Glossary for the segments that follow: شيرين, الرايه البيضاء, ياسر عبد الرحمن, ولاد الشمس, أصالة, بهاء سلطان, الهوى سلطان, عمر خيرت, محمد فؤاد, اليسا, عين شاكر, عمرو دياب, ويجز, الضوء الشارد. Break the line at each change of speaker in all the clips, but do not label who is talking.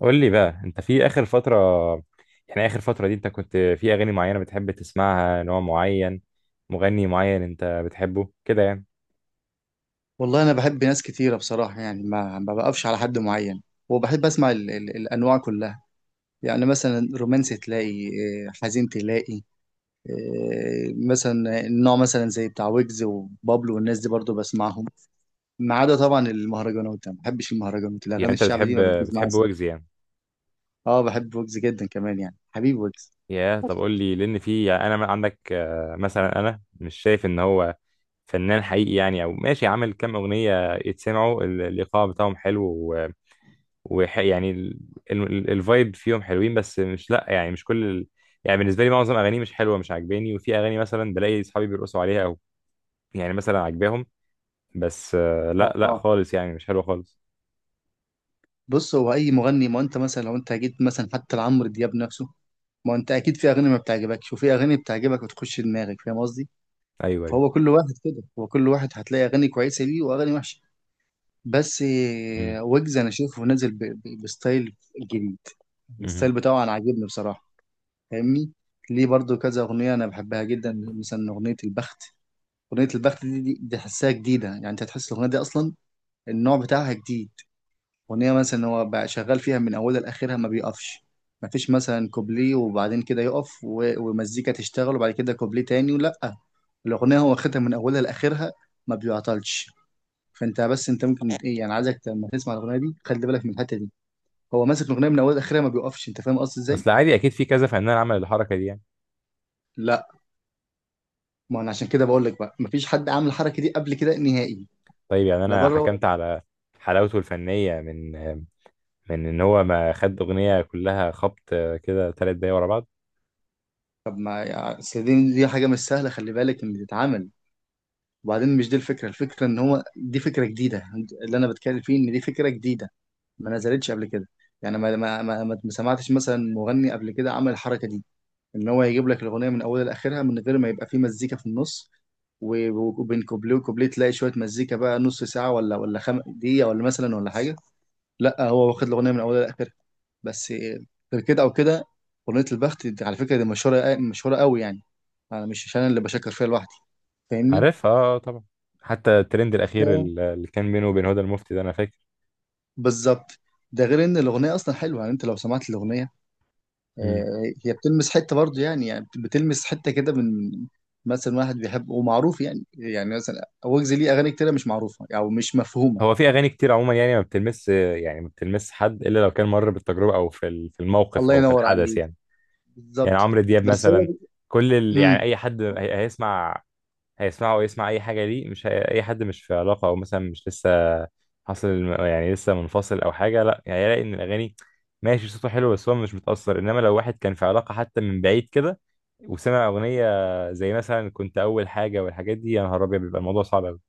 قول لي بقى، انت في اخر فترة، يعني اخر فترة دي انت كنت في اغاني معينة بتحب تسمعها؟ نوع معين، مغني معين انت بتحبه كده يعني؟
والله، انا بحب ناس كتيره بصراحه، يعني ما بقفش على حد معين. وبحب اسمع ال ال الانواع كلها. يعني مثلا رومانسي تلاقي، حزين تلاقي، مثلا النوع، مثلا زي بتاع ويجز وبابلو والناس دي برضو بسمعهم، ما عدا طبعا المهرجانات. انا ما بحبش المهرجانات،
يعني
الاغاني
انت
الشعبي دي
بتحب
ما بتجيش معايا
بتحب
سكه.
ويجز يعني؟
اه، بحب ويجز جدا كمان، يعني حبيب ويجز.
يا طب قول لي، لان في يعني انا من عندك مثلا انا مش شايف ان هو فنان حقيقي، يعني او ماشي، عامل كام اغنية يتسمعوا الايقاع بتاعهم حلو ويعني الفايب فيهم حلوين، بس مش، لا يعني مش كل يعني بالنسبة لي معظم اغانيه مش حلوة، مش عاجباني، وفي اغاني مثلا بلاقي اصحابي بيرقصوا عليها، يعني مثلا عجباهم، بس لا لا
اه،
خالص، يعني مش حلوه خالص.
بص، هو اي مغني، ما انت مثلا لو انت جيت مثلا حتى لعمرو دياب نفسه، ما انت اكيد في اغاني ما بتعجبكش وفي اغاني بتعجبك وتخش دماغك، فاهم قصدي؟
ايوه ايوه.
فهو كل واحد كده، هو كل واحد هتلاقي اغاني كويسه ليه واغاني وحشه. بس
مم.
ويجز انا شايفه نازل بستايل جديد.
مم.
الستايل بتاعه انا عاجبني بصراحه، فاهمني؟ ليه برضو كذا اغنيه انا بحبها جدا، مثلا اغنيه البخت. اغنيه البخت دي، دي تحسها جديده، يعني انت هتحس الاغنيه دي اصلا النوع بتاعها جديد. أغنية مثلا هو بقى شغال فيها من أولها لآخرها، ما بيقفش. ما فيش مثلا كوبليه وبعدين كده يقف ومزيكا تشتغل وبعد كده كوبليه تاني، لأ، الأغنية هو واخدها من أولها لآخرها، ما بيعطلش. فأنت، بس أنت ممكن إيه، يعني عايزك لما تسمع الأغنية دي خلي بالك من الحتة دي، هو ماسك الأغنية من أولها لآخرها ما بيقفش، أنت فاهم قصدي إزاي؟
اصل عادي، اكيد في كذا فنان عمل الحركه دي يعني.
لأ، ما أنا عشان كده بقول لك بقى، ما فيش حد عامل الحركة دي قبل كده نهائي،
طيب يعني
لا
انا
بره ولا
حكمت
جوه.
على حلاوته الفنيه من ان هو ما خد اغنيه كلها خبط كده، 3 دقايق ورا بعض.
طب ما يعني، أصل دي حاجة مش سهلة، خلي بالك إن تتعمل. وبعدين مش دي الفكرة، الفكرة ان هو دي فكرة جديدة، اللي انا بتكلم فيه ان دي فكرة جديدة، ما نزلتش قبل كده. يعني ما سمعتش مثلا مغني قبل كده عمل الحركة دي، ان هو يجيب لك الأغنية من اولها لاخرها من غير ما يبقى فيه مزيكا في النص، و- وبين كوبليه وكوبليه تلاقي شوية مزيكا بقى نص ساعة، ولا دقيقة ولا مثلا ولا حاجة، لا، هو واخد الأغنية من اولها لاخرها بس، غير كده او كده. أغنية البخت دي على فكرة دي مشهورة مشهورة قوي يعني، انا مش انا اللي بشكر فيها لوحدي، فاهمني؟
عارفها اه. طبعا. حتى الترند
ده
الاخير اللي كان بينه وبين هدى المفتي ده، انا فاكر.
بالظبط. ده غير ان الاغنيه اصلا حلوه، يعني انت لو سمعت الاغنيه،
مم.
هي بتلمس حته برضو، يعني بتلمس حته كده من مثلا واحد بيحب ومعروف، يعني مثلا ويجز ليه اغاني كتيره مش معروفه او يعني مش مفهومه.
هو في اغاني كتير عموما يعني ما بتلمس، يعني ما بتلمس حد الا لو كان مر بالتجربه او في في الموقف
الله
او في
ينور
الحدث
عليك،
يعني. يعني
بالظبط.
عمرو دياب
بس
مثلا، كل يعني
امم
اي حد هيسمع هيسمعه ويسمع اي حاجه ليه. مش اي حد مش في علاقه، او مثلا مش لسه حاصل يعني لسه منفصل او حاجه، لا يعني هيلاقي ان الاغاني ماشي، صوته حلو، بس هو مش متاثر. انما لو واحد كان في علاقه حتى من بعيد كده، وسمع اغنيه زي مثلا كنت اول حاجه والحاجات دي، يا نهار ابيض، بيبقى الموضوع صعب قوي.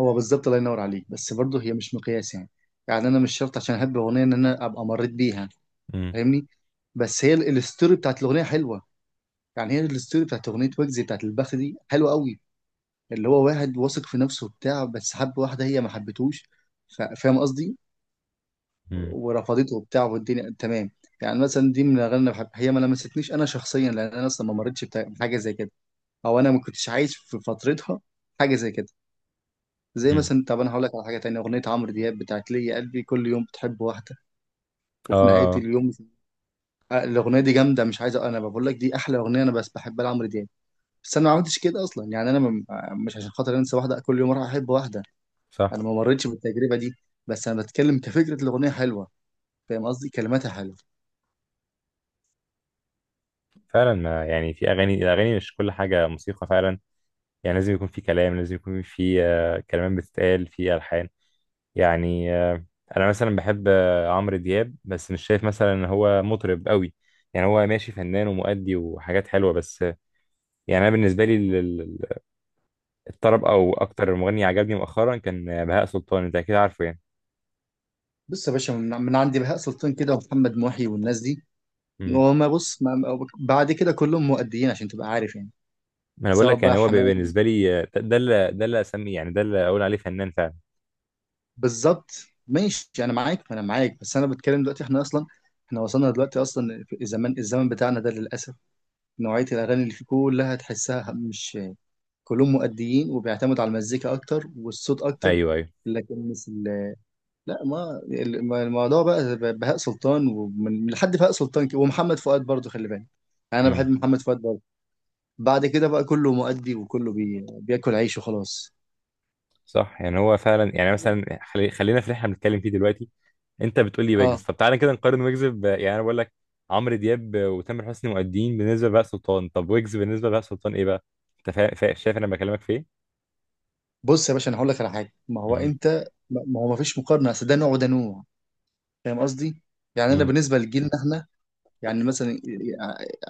هو بالظبط الله ينور عليك، بس برضو هي مش مقياس يعني. يعني انا مش شرط عشان احب اغنيه ان انا ابقى مريت بيها،
امم
فاهمني؟ بس هي الستوري بتاعت الاغنيه حلوه، يعني هي الستوري بتاعت اغنيه ويجز بتاعت البخت دي حلوه قوي، اللي هو واحد واثق في نفسه وبتاع، بس حب واحدة هي ما حبتهوش، فاهم قصدي، ورفضته وبتاع والدنيا تمام. يعني مثلا دي من الأغاني اللي بحب، هي ما لمستنيش أنا شخصيا لأن أنا أصلا ما مريتش بحاجة زي كده، أو أنا ما كنتش عايش في فترتها حاجة زي كده. زي
امم
مثلا، طب أنا هقول لك على حاجة تانية، أغنية عمرو دياب بتاعت ليه يا قلبي كل يوم بتحب واحدة،
اه.
وفي نهاية اليوم، الأغنية دي جامدة، مش عايز، أنا بقول لك دي أحلى أغنية أنا بس بحبها لعمرو دياب، بس أنا ما عملتش كده أصلا، يعني أنا مش عشان خاطر أنسى واحدة كل يوم أروح أحب واحدة.
صح.
انا ما مريتش بالتجربه دي، بس انا بتكلم كفكره، الاغنيه حلوه، فاهم قصدي، كلماتها حلوه.
فعلا ما يعني في اغاني، الاغاني مش كل حاجه موسيقى فعلا. يعني لازم يكون في كلام، لازم يكون في كلمات بتتقال في ألحان يعني. أنا مثلا بحب عمرو دياب، بس مش شايف مثلا إن هو مطرب قوي. يعني هو ماشي، فنان ومؤدي وحاجات حلوة، بس يعني أنا بالنسبة لي الطرب، أو أكتر مغني عجبني مؤخرا كان بهاء سلطان، أنت أكيد عارفه يعني.
بص يا باشا، من عند بهاء سلطان كده ومحمد محي والناس دي،
مم.
وما بص، بعد كده كلهم مؤديين، عشان تبقى عارف يعني،
ما أنا بقول
سواء
لك، يعني
بقى
هو
حماقي،
بالنسبة لي ده اللي أسميه، يعني ده اللي أقول عليه فنان فعلا.
بالظبط. ماشي، انا معاك انا معاك، بس انا بتكلم دلوقتي، احنا اصلا احنا وصلنا دلوقتي اصلا في الزمان الزمن بتاعنا ده للاسف، نوعيه الاغاني اللي فيه كلها تحسها مش، كلهم مؤديين وبيعتمدوا على المزيكا اكتر والصوت اكتر،
أيوه أيوه.
لكن، لا، ما الموضوع بقى بهاء سلطان، ومن لحد بهاء سلطان كده ومحمد فؤاد برضه، خلي بالك، يعني انا بحب
مم.
محمد فؤاد برضه. بعد كده بقى كله مؤدي وكله بياكل عيش وخلاص.
صح، يعني هو فعلا يعني، مثلا خلينا في اللي احنا بنتكلم فيه دلوقتي. انت بتقول لي ويجز،
اه،
طب تعالى كده نقارن ويجز يعني انا بقول لك عمرو دياب وتامر حسني مؤدين بالنسبه لبهاء سلطان، طب ويجز بالنسبه لبهاء سلطان ايه بقى؟ انت شايف انا بكلمك في ايه.
بص يا باشا، انا هقول لك على حاجه، ما هو
مهم.
انت ما هو ما فيش مقارنه، اصل ده نوع وده نوع، فاهم قصدي؟ يعني انا
مم.
بالنسبه لجيلنا احنا، يعني مثلا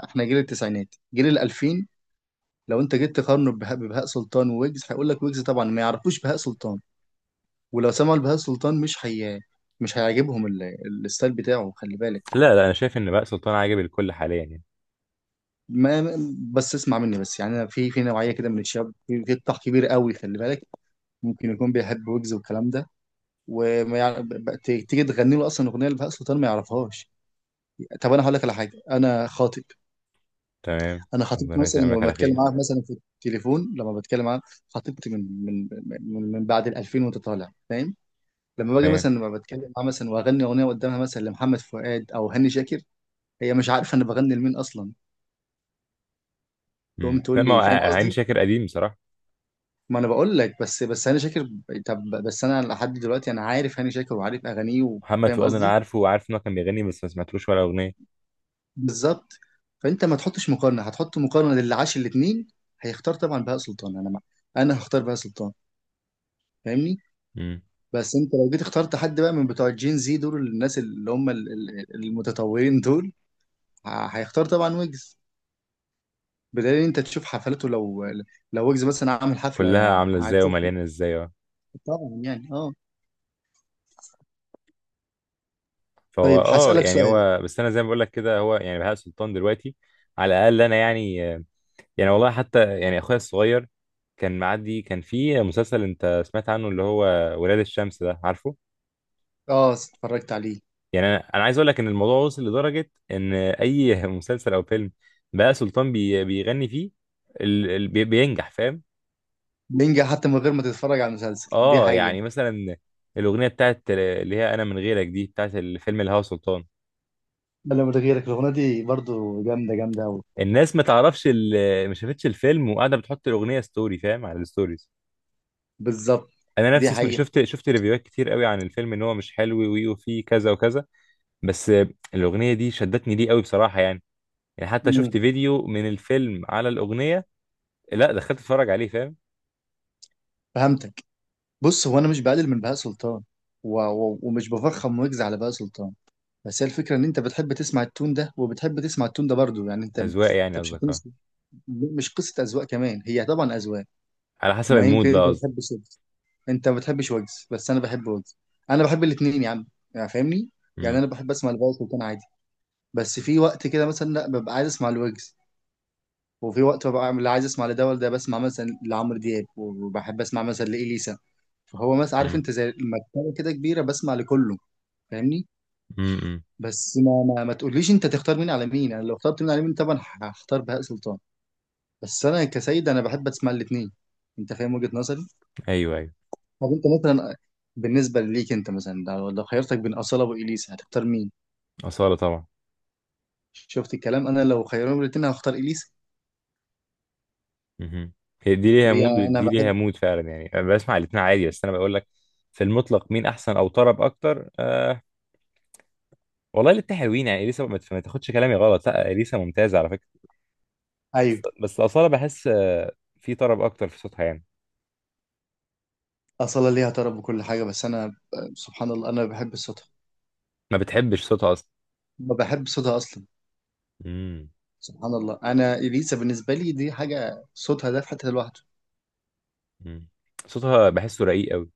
احنا جيل التسعينات، جيل ال 2000، لو انت جيت تقارنه ببهاء سلطان وويجز، هيقول لك ويجز طبعا، ما يعرفوش بهاء سلطان، ولو سمعوا البهاء سلطان مش هيعجبهم الستايل بتاعه، خلي بالك.
لا لا، انا شايف ان بهاء سلطان عاجب الكل حاليا يعني.
ما بس اسمع مني بس، يعني انا في نوعيه كده من الشباب، في قطاع كبير قوي، خلي بالك، ممكن يكون بيحب ويجز والكلام ده، وما يع... ب- ب- ت- تيجي تغني له اصلا اغنيه لبهاء سلطان ما يعرفهاش. طب انا هقول لك على حاجه، انا خاطب،
تمام.
انا خطيبتي
ربنا
مثلا
يتأملك
لما
على
بتكلم
خير.
معاها مثلا في التليفون لما بتكلم معاها، خطيبتي من بعد ال 2000 وانت طالع فاهم. لما باجي
تمام.
مثلا لما بتكلم معاها مثلا واغني اغنيه قدامها مثلا لمحمد فؤاد او هاني شاكر، هي مش عارفه انا بغني لمين اصلا، تقوم
مم. لا
تقول
ما هو
لي، فاهم
عين
قصدي؟
شاكر قديم بصراحه.
ما انا بقول لك، بس هاني شاكر، طب بس انا لحد دلوقتي انا عارف هاني شاكر وعارف اغانيه
محمد
وفاهم
فؤاد انا
قصدي،
عارفه وعارف ان هو كان بيغني، بس ما سمعتلوش ولا اغنيه.
بالظبط. فانت ما تحطش مقارنه، هتحط مقارنه للي عاش الاثنين، هيختار طبعا بهاء سلطان، انا هختار بهاء سلطان، فاهمني؟
مم.
بس انت لو جيت اخترت حد بقى من بتوع الجين زي دول، الناس اللي هم المتطورين دول، هيختار طبعا ويجز، بدليل إن انت تشوف حفلاته، لو ويجز مثلا عامل حفله
كلها عامله ازاي،
هتشوف،
ومليانه ازاي، اه.
طبعا يعني، اه.
فهو
طيب
اه،
هسألك
يعني
سؤال.
هو، بس انا زي ما بقول لك كده، هو يعني بهاء سلطان دلوقتي على الاقل، انا يعني، والله حتى يعني اخويا الصغير كان معدي، كان في مسلسل انت سمعت عنه، اللي هو ولاد الشمس ده، عارفه.
اه، اتفرجت عليه.
يعني انا عايز اقول لك ان الموضوع وصل لدرجه ان اي مسلسل او فيلم بقى سلطان بيغني فيه بينجح، فاهم.
نينجا، حتى من غير ما تتفرج على المسلسل، دي
اه،
حقيقة.
يعني مثلا الاغنيه بتاعت اللي هي انا من غيرك دي، بتاعت الفيلم الهوى سلطان.
ولا من غيرك، الأغنية دي برضو جامدة جامدة أوي،
الناس ما تعرفش، ما شافتش الفيلم، وقاعده بتحط الاغنيه ستوري، فاهم، على الستوريز.
بالظبط.
انا
دي
نفسي
حقيقة.
شفت ريفيوهات كتير قوي عن الفيلم ان هو مش حلو، وفيه كذا وكذا. بس الأغنية دي شدتني ليه قوي بصراحة يعني، حتى
مم.
شفت فيديو من الفيلم على الأغنية. لا، دخلت اتفرج عليه، فاهم.
فهمتك. بص، هو أنا مش بقلل من بهاء سلطان ومش بفخم ويجز على بهاء سلطان، بس هي الفكرة إن أنت بتحب تسمع التون ده وبتحب تسمع التون ده برضو، يعني أنت أنت
أذواق يعني
مش
قصدك، اه.
هتمس... مش قصة أذواق، كمان هي طبعا أذواق.
على حسب
ما يمكن
المود
أنت
بقى قصدك.
بتحب، انت ما بتحبش ويجز بس انا بحب ويجز، انا بحب الاثنين يا عم، يعني فاهمني، يعني
امم
انا بحب اسمع الفايس والتاني عادي، بس في وقت كده مثلا لا ببقى عايز اسمع الويجز، وفي وقت ببقى لا عايز اسمع لده ولا ده، بسمع مثلا لعمرو دياب وبحب اسمع مثلا لإليسا. فهو مثلا، عارف،
امم
انت زي المكتبه كده كبيره، بسمع لكله، فاهمني؟
امم
بس ما تقوليش انت تختار مين على مين، انا لو اخترت مين على مين طبعا هختار بهاء سلطان، بس انا كسيد انا بحب اسمع الاثنين، انت فاهم وجهة نظري؟
ايوه ايوه.
طب انت مثلا، بالنسبه ليك انت مثلا لو خيرتك بين اصاله واليسا هتختار مين؟
أصالة طبعا.
شفت الكلام، انا لو خيروني الاثنين هختار اليسا.
امم هي دي ليها
ليه؟
مود
انا
ودي ليها
بحب.
مود فعلا، يعني انا بسمع الاتنين عادي. بس انا بقول لك في المطلق مين احسن او طرب اكتر، والله الاتنين حلوين يعني. اليسا ما تاخدش كلامي غلط، لا اليسا ممتازة على فكرة. بس
ايوه.
أصالة بحس في طرب اكتر في صوتها يعني.
اصاله ليها طرب وكل حاجه، بس انا، سبحان الله، انا بحب صوتها.
ما بتحبش صوتها اصلا.
ما بحب صوتها اصلا.
مم.
سبحان الله، انا اليسا بالنسبه لي دي حاجه، صوتها ده في حته لوحده.
مم. صوتها بحسه رقيق قوي.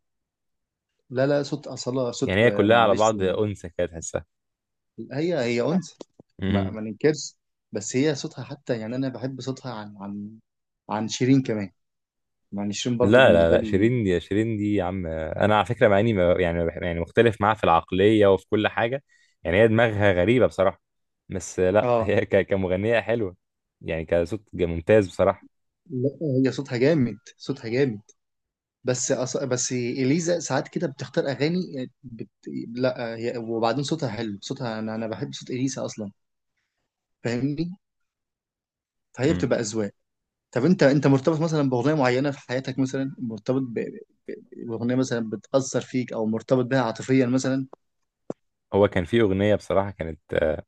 لا لا، صوت اصاله، صوت،
يعني هي كلها على
معلش.
بعض انثى كده تحسها.
هي هي انثى، ما,
مم.
ما ننكرش، بس هي صوتها حتى، يعني انا بحب صوتها عن شيرين كمان، يعني شيرين برضو
لا لا
بالنسبه
لا،
لي،
شيرين دي شيرين دي يا عم، انا على فكره، مع اني يعني ما بح- يعني مختلف معاها في العقليه وفي كل حاجه. يعني هي دماغها غريبه بصراحه، بس لا،
اه.
هي كمغنيه حلوه. يعني كصوت ممتاز بصراحه.
لا، هي صوتها جامد، صوتها جامد، بس اليزا ساعات كده بتختار اغاني، لا، هي وبعدين صوتها حلو، صوتها انا بحب صوت اليزا اصلا، فاهمني؟ فهي
مم.
بتبقى اذواق. طب انت مرتبط مثلا باغنيه معينه في حياتك، مثلا مرتبط باغنيه مثلا بتاثر فيك او مرتبط بها عاطفيا مثلا؟
هو كان في اغنيه بصراحه كانت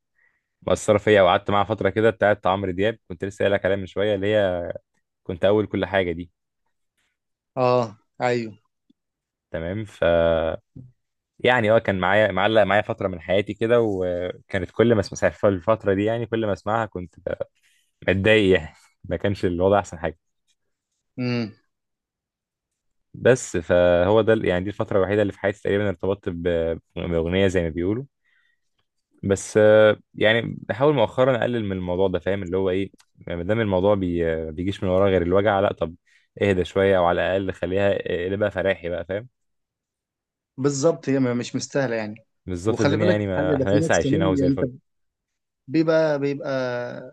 مؤثره فيا، وقعدت معاها فتره كده، بتاعت عمرو دياب، كنت لسه قايل لك عليها من شويه، اللي هي كنت اول كل حاجه دي.
اه، ايوه.
تمام. يعني اه كان معايا، معلق معايا فترة من حياتي كده، وكانت كل ما اسمع في الفترة دي، يعني كل ما اسمعها كنت متضايق يعني، ما كانش الوضع أحسن حاجة.
امم.
بس فهو ده يعني دي الفترة الوحيدة اللي في حياتي تقريبا ارتبطت بأغنية، زي ما بيقولوا. بس يعني بحاول مؤخرا أقلل من الموضوع ده، فاهم اللي هو إيه. ما دام الموضوع ما بيجيش من وراه غير الوجع، لا طب اهدى شوية أو على الأقل خليها، اقلبها فراحي بقى، فاهم.
بالظبط. هي مش مستاهله يعني.
بالظبط
وخلي
الدنيا،
بالك
يعني ما
حاجه، ده في
احنا لسه
ناس
عايشين أهو
كمان،
زي
يعني
الفل.
انت، بيبقى بيبقى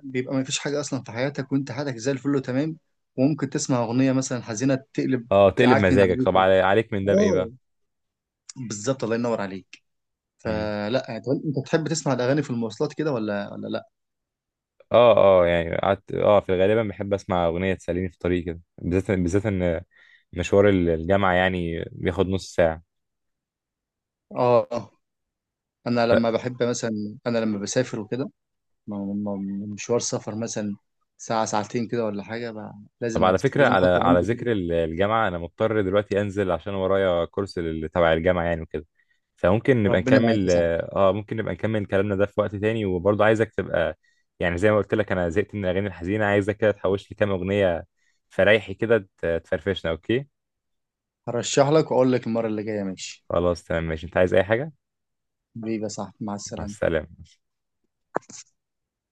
بيبقى ما فيش حاجة أصلا في حياتك وأنت حياتك زي الفل وتمام، وممكن تسمع أغنية مثلا حزينة تقلب،
اه تقلب
تعكنن
مزاجك،
عليك.
طب عليك من ده بإيه
آه،
بقى؟
بالظبط الله ينور عليك، فلا يعني. طب أنت بتحب تسمع الأغاني في المواصلات كده ولا لا؟
اه اه، يعني قعدت في غالبا بحب اسمع اغنيه تسليني في طريقي كده، بالذات بالذات ان مشوار الجامعه يعني بياخد نص ساعه.
آه. أنا لما بحب مثلا، أنا لما بسافر وكده، مشوار سفر مثلا، ساعة ساعتين كده ولا حاجة بقى،
طب على فكره،
لازم
على
أحط
على
الهاند فري.
ذكر الجامعه، انا مضطر دلوقتي انزل عشان ورايا كورس تبع الجامعه يعني وكده، فممكن نبقى
ربنا معاك
نكمل
يا صاحبي.
اه ممكن نبقى نكمل كلامنا ده في وقت تاني، وبرضه عايزك تبقى يعني زي ما قلت لك، انا زهقت من الاغاني الحزينه، عايزك كده تحوش لي كام اغنيه فريحي كده تفرفشنا، اوكي.
هرشح لك وأقول لك المرة اللي جاية، ماشي.
خلاص تمام، ماشي. انت عايز اي حاجه؟
حبيبي يا صاحبي، مع
مع
السلامة.
السلامه.